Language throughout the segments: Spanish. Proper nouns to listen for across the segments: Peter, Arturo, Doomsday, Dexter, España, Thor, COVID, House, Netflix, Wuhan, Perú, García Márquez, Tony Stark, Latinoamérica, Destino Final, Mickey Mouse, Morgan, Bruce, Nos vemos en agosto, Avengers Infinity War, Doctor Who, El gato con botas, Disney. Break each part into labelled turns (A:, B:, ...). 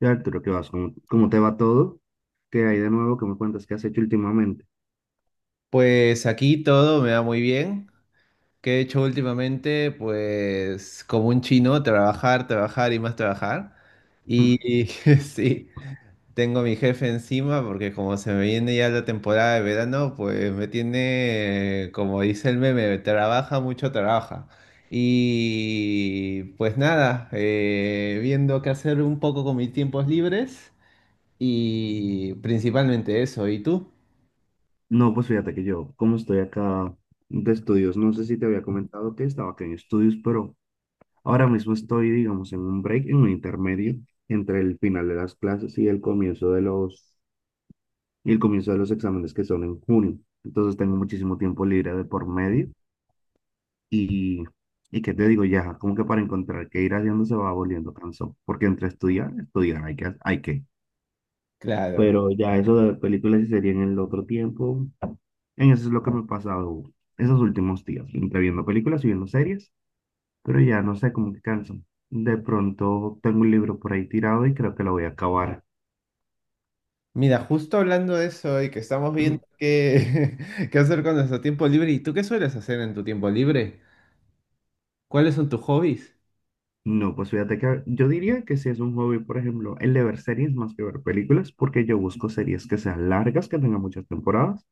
A: Y Arturo, ¿qué vas? ¿¿Cómo te va todo? ¿Qué hay de nuevo? ¿Qué me cuentas? ¿Qué has hecho últimamente?
B: Pues aquí todo me va muy bien. ¿Qué he hecho últimamente? Pues como un chino, trabajar, trabajar y más trabajar.
A: Ah,
B: Y sí, tengo a mi jefe encima porque como se me viene ya la temporada de verano, pues me tiene, como dice el meme, trabaja mucho, trabaja. Y pues nada, viendo qué hacer un poco con mis tiempos libres y principalmente eso. ¿Y tú?
A: no, pues fíjate que yo, como estoy acá de estudios, no sé si te había comentado que estaba acá en estudios, pero ahora mismo estoy, digamos, en un break, en un intermedio entre el final de las clases y el comienzo de los, y el comienzo de los exámenes que son en junio. Entonces tengo muchísimo tiempo libre de por medio y, y qué te digo, ya, como que para encontrar qué ir haciendo se va volviendo cansón, porque entre estudiar, estudiar, hay que, hay que.
B: Claro.
A: Pero ya eso de películas y series en el otro tiempo, en eso es lo que me ha pasado esos últimos días, entre viendo películas y viendo series, pero ya no sé cómo que canso. De pronto tengo un libro por ahí tirado y creo que lo voy a acabar.
B: Mira, justo hablando de eso y que estamos viendo qué, qué hacer con nuestro tiempo libre, ¿y tú qué sueles hacer en tu tiempo libre? ¿Cuáles son tus hobbies?
A: No, pues fíjate que yo diría que si es un hobby, por ejemplo, el de ver series más que ver películas, porque yo busco series que sean largas, que tengan muchas temporadas,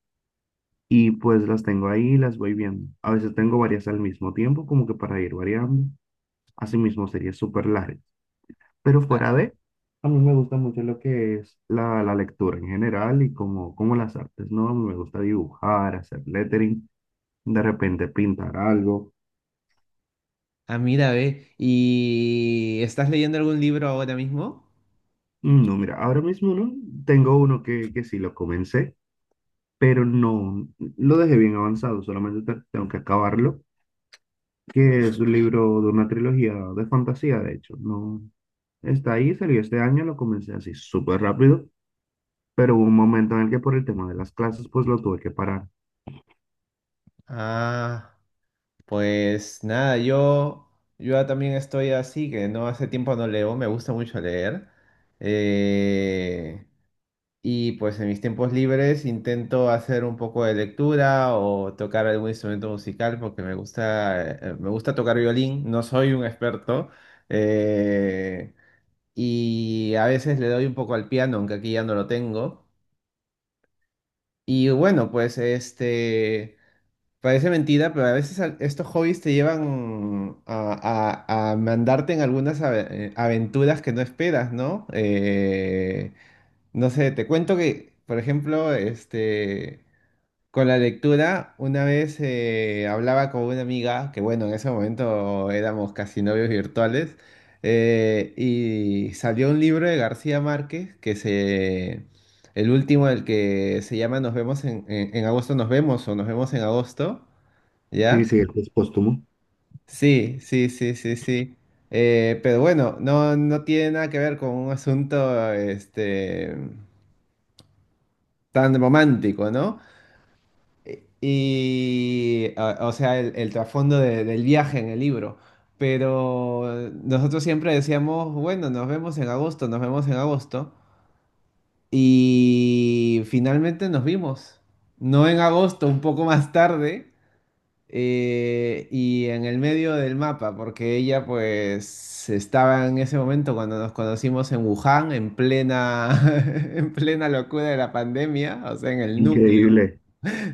A: y pues las tengo ahí y las voy viendo. A veces tengo varias al mismo tiempo, como que para ir variando. Asimismo, series súper largas. Pero fuera de, a mí me gusta mucho lo que es la, la lectura en general y como, como las artes, ¿no? A mí me gusta dibujar, hacer lettering, de repente pintar algo.
B: Ah, mira, ve, ¿y estás leyendo algún libro ahora mismo?
A: Mm, no, mira, ahora mismo no, tengo uno que sí lo comencé, pero no, lo dejé bien avanzado, solamente tengo que acabarlo, que es un libro de una trilogía de fantasía, de hecho, no, está ahí, salió este año, lo comencé así súper rápido, pero hubo un momento en el que por el tema de las clases, pues lo tuve que parar.
B: Ah, pues nada, yo también estoy así, que no hace tiempo no leo, me gusta mucho leer. Eh, Y pues en mis tiempos libres intento hacer un poco de lectura o tocar algún instrumento musical porque me gusta tocar violín, no soy un experto. eh, y a veces le doy un poco al piano, aunque aquí ya no lo tengo. Y bueno, parece mentira, pero a veces estos hobbies te llevan a mandarte en algunas aventuras que no esperas, ¿no? No sé, te cuento que, por ejemplo, con la lectura, una vez hablaba con una amiga, que bueno, en ese momento éramos casi novios virtuales, y salió un libro de García Márquez, el último, el que se llama Nos vemos en, en agosto, nos vemos o nos vemos en agosto,
A: Sí,
B: ¿ya?
A: sí, este es póstumo.
B: Sí, sí, sí, sí, sí. Pero bueno, no, no tiene nada que ver con un asunto, tan romántico, ¿no? Y, o sea, el trasfondo del viaje en el libro. Pero nosotros siempre decíamos, bueno, nos vemos en agosto, nos vemos en agosto. Y finalmente nos vimos. No en agosto, un poco más tarde. Y en el medio del mapa, porque ella pues estaba en ese momento cuando nos conocimos en Wuhan, en plena, en plena locura de la pandemia, o sea, en el
A: Increíble.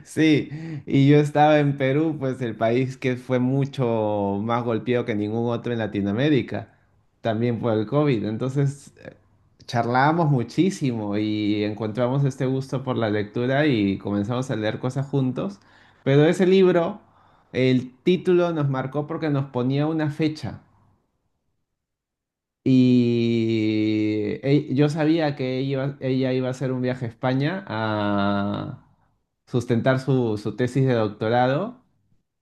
B: sí, y yo estaba en Perú, pues el país que fue mucho más golpeado que ningún otro en Latinoamérica, también por el COVID. Entonces charlábamos muchísimo y encontramos este gusto por la lectura y comenzamos a leer cosas juntos. Pero ese libro, el título nos marcó porque nos ponía una fecha. Y yo sabía que ella iba a hacer un viaje a España a sustentar su, su tesis de doctorado.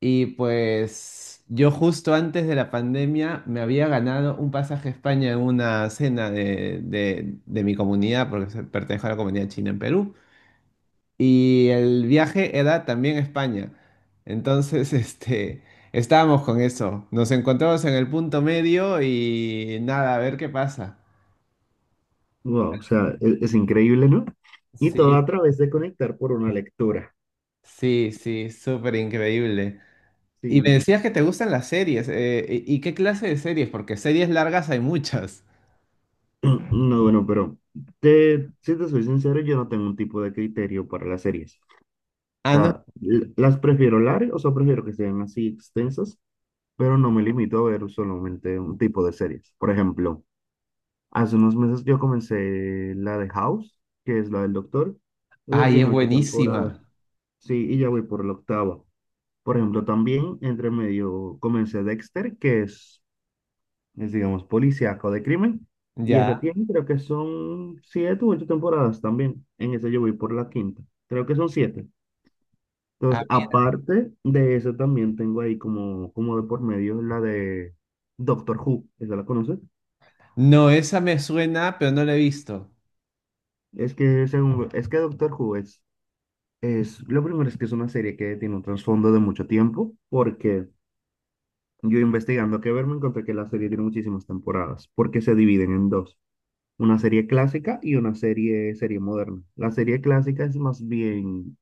B: Y pues yo justo antes de la pandemia me había ganado un pasaje a España en una cena de mi comunidad, pertenezco a la comunidad china en Perú. Y el viaje era también a España. Entonces, este... Estábamos con eso. Nos encontramos en el punto medio y nada, a ver qué pasa.
A: Wow, o sea, increíble, ¿no? Y todo
B: Sí,
A: a través de conectar por una lectura.
B: sí, sí, súper increíble. Y me
A: Sí.
B: decías que te gustan las series. ¿Y qué clase de series? Porque series largas hay muchas.
A: No, bueno, pero te, si te soy sincero, yo no tengo un tipo de criterio para las series.
B: Ah,
A: O
B: no.
A: sea, las prefiero largas, o sea, prefiero que sean así extensas, pero no me limito a ver solamente un tipo de series. Por ejemplo, hace unos meses yo comencé la de House, que es la del doctor. Esa
B: Ay, es
A: tiene ocho temporadas.
B: buenísima.
A: Sí, y ya voy por la octava. Por ejemplo, también entre medio comencé Dexter, que es, digamos, policíaco de crimen, y esa
B: Ya.
A: tiene, creo que son siete u ocho temporadas también. En esa yo voy por la quinta, creo que son siete.
B: Ah,
A: Entonces,
B: mira.
A: aparte de eso, también tengo ahí como, como de por medio la de Doctor Who, ¿esa la conoces?
B: No, esa me suena, pero no la he visto.
A: Es que, según, es que Doctor Who es, lo primero es que es una serie que tiene un trasfondo de mucho tiempo, porque yo investigando que ver me encontré que la serie tiene muchísimas temporadas, porque se dividen en dos, una serie clásica y una serie, serie moderna. La serie clásica es más bien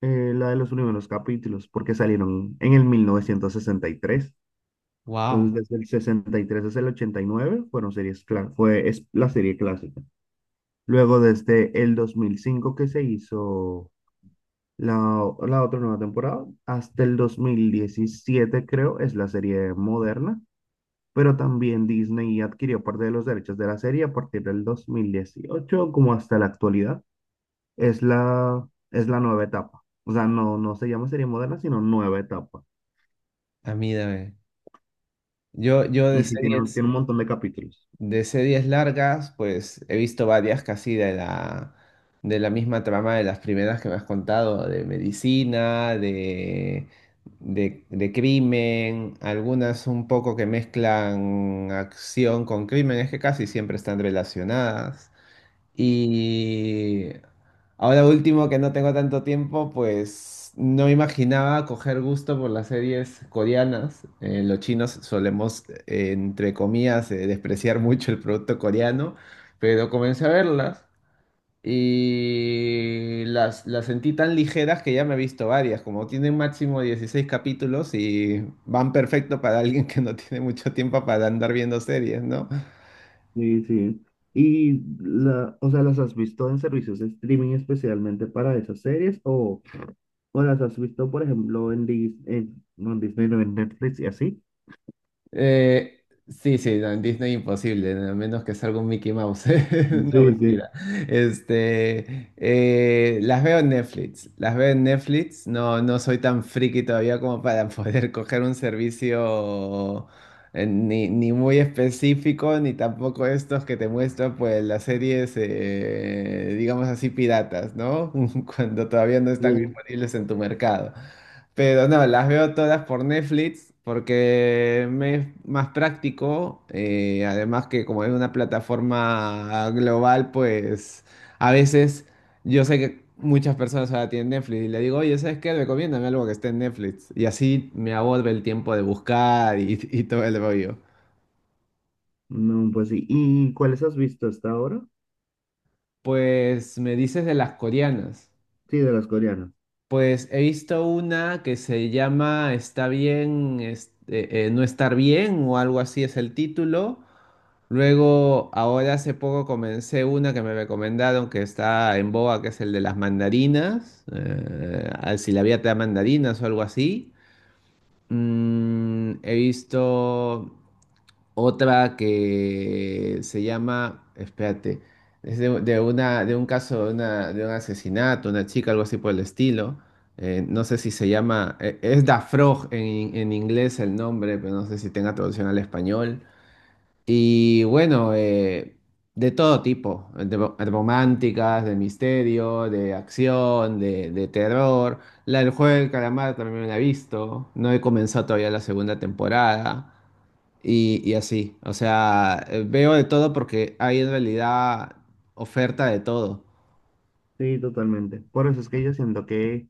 A: la de los primeros capítulos, porque salieron en el 1963.
B: Wow.
A: Entonces, desde el 63 hasta el 89 fueron series cla- fue es la serie clásica. Luego, desde el 2005 que se hizo la otra nueva temporada, hasta el 2017 creo, es la serie moderna. Pero también Disney adquirió parte de los derechos de la serie a partir del 2018 como hasta la actualidad. Es la nueva etapa. O sea, no, no se llama serie moderna, sino nueva etapa.
B: A mí dame. Yo
A: Y
B: de
A: sí, tiene,
B: series.
A: tiene un montón de capítulos.
B: De series largas, pues he visto varias casi de la misma trama de las primeras que me has contado, de medicina, de crimen, algunas un poco que mezclan acción con crimen, es que casi siempre están relacionadas. Y ahora último, que no tengo tanto tiempo, pues no me imaginaba coger gusto por las series coreanas. Los chinos solemos, entre comillas, despreciar mucho el producto coreano, pero comencé a verlas y las sentí tan ligeras que ya me he visto varias. Como tienen máximo 16 capítulos y van perfecto para alguien que no tiene mucho tiempo para andar viendo series, ¿no?
A: Sí, sí. Y, la, o sea, ¿las has visto en servicios de streaming especialmente para esas series? O las has visto, por ejemplo, en, Disney, no, en Netflix y así?
B: Sí, sí, no, en Disney imposible, a menos que salga un Mickey Mouse. No,
A: Sí, sí,
B: mentira. Las veo en Netflix, las veo en Netflix. No, no soy tan friki todavía como para poder coger un servicio ni, ni muy específico, ni tampoco estos que te muestran pues las series, digamos así, piratas, ¿no? Cuando todavía no están
A: sí.
B: disponibles en tu mercado. Pero no, las veo todas por Netflix porque me es más práctico. Además que como es una plataforma global, pues a veces yo sé que muchas personas ahora tienen Netflix y le digo, oye, ¿sabes qué? Recomiéndame algo que esté en Netflix. Y así me ahorro el tiempo de buscar y, y todo el rollo.
A: No, pues sí. ¿Y cuáles has visto hasta ahora?
B: Pues me dices de las coreanas.
A: Sí, de las coreanas.
B: Pues he visto una que se llama Está bien, no estar bien o algo así es el título. Luego, ahora hace poco comencé una que me recomendaron que está en boga, que es el de las mandarinas, al si la vida te da mandarinas o algo así. Mm, he visto otra que se llama, espérate, es de una, de un caso, de, de un asesinato, una chica, algo así por el estilo. No sé si se llama, es Da Frog en inglés el nombre, pero no sé si tenga traducción al español. Y bueno, de todo tipo, de románticas, de misterio, de acción, de terror. La del juego del calamar también la he visto. No he comenzado todavía la segunda temporada. Y así, o sea, veo de todo porque hay en realidad oferta de todo.
A: Sí, totalmente. Por eso es que yo siento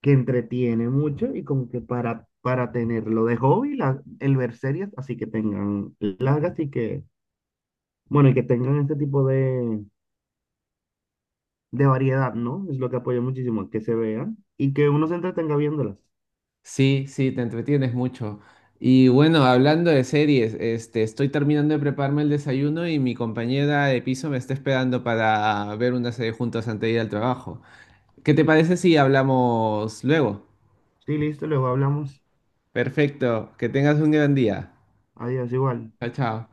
A: que entretiene mucho y como que para tenerlo de hobby, el ver series, así que tengan largas y que, bueno, y que tengan este tipo de variedad, ¿no? Es lo que apoya muchísimo, que se vean y que uno se entretenga viéndolas.
B: Sí, sí, te entretienes mucho. Y bueno, hablando de series, estoy terminando de prepararme el desayuno y mi compañera de piso me está esperando para ver una serie juntos antes de ir al trabajo. ¿Qué te parece si hablamos luego?
A: Sí, listo, luego hablamos.
B: Perfecto, que tengas un gran día.
A: Adiós, igual.
B: Chao, chao.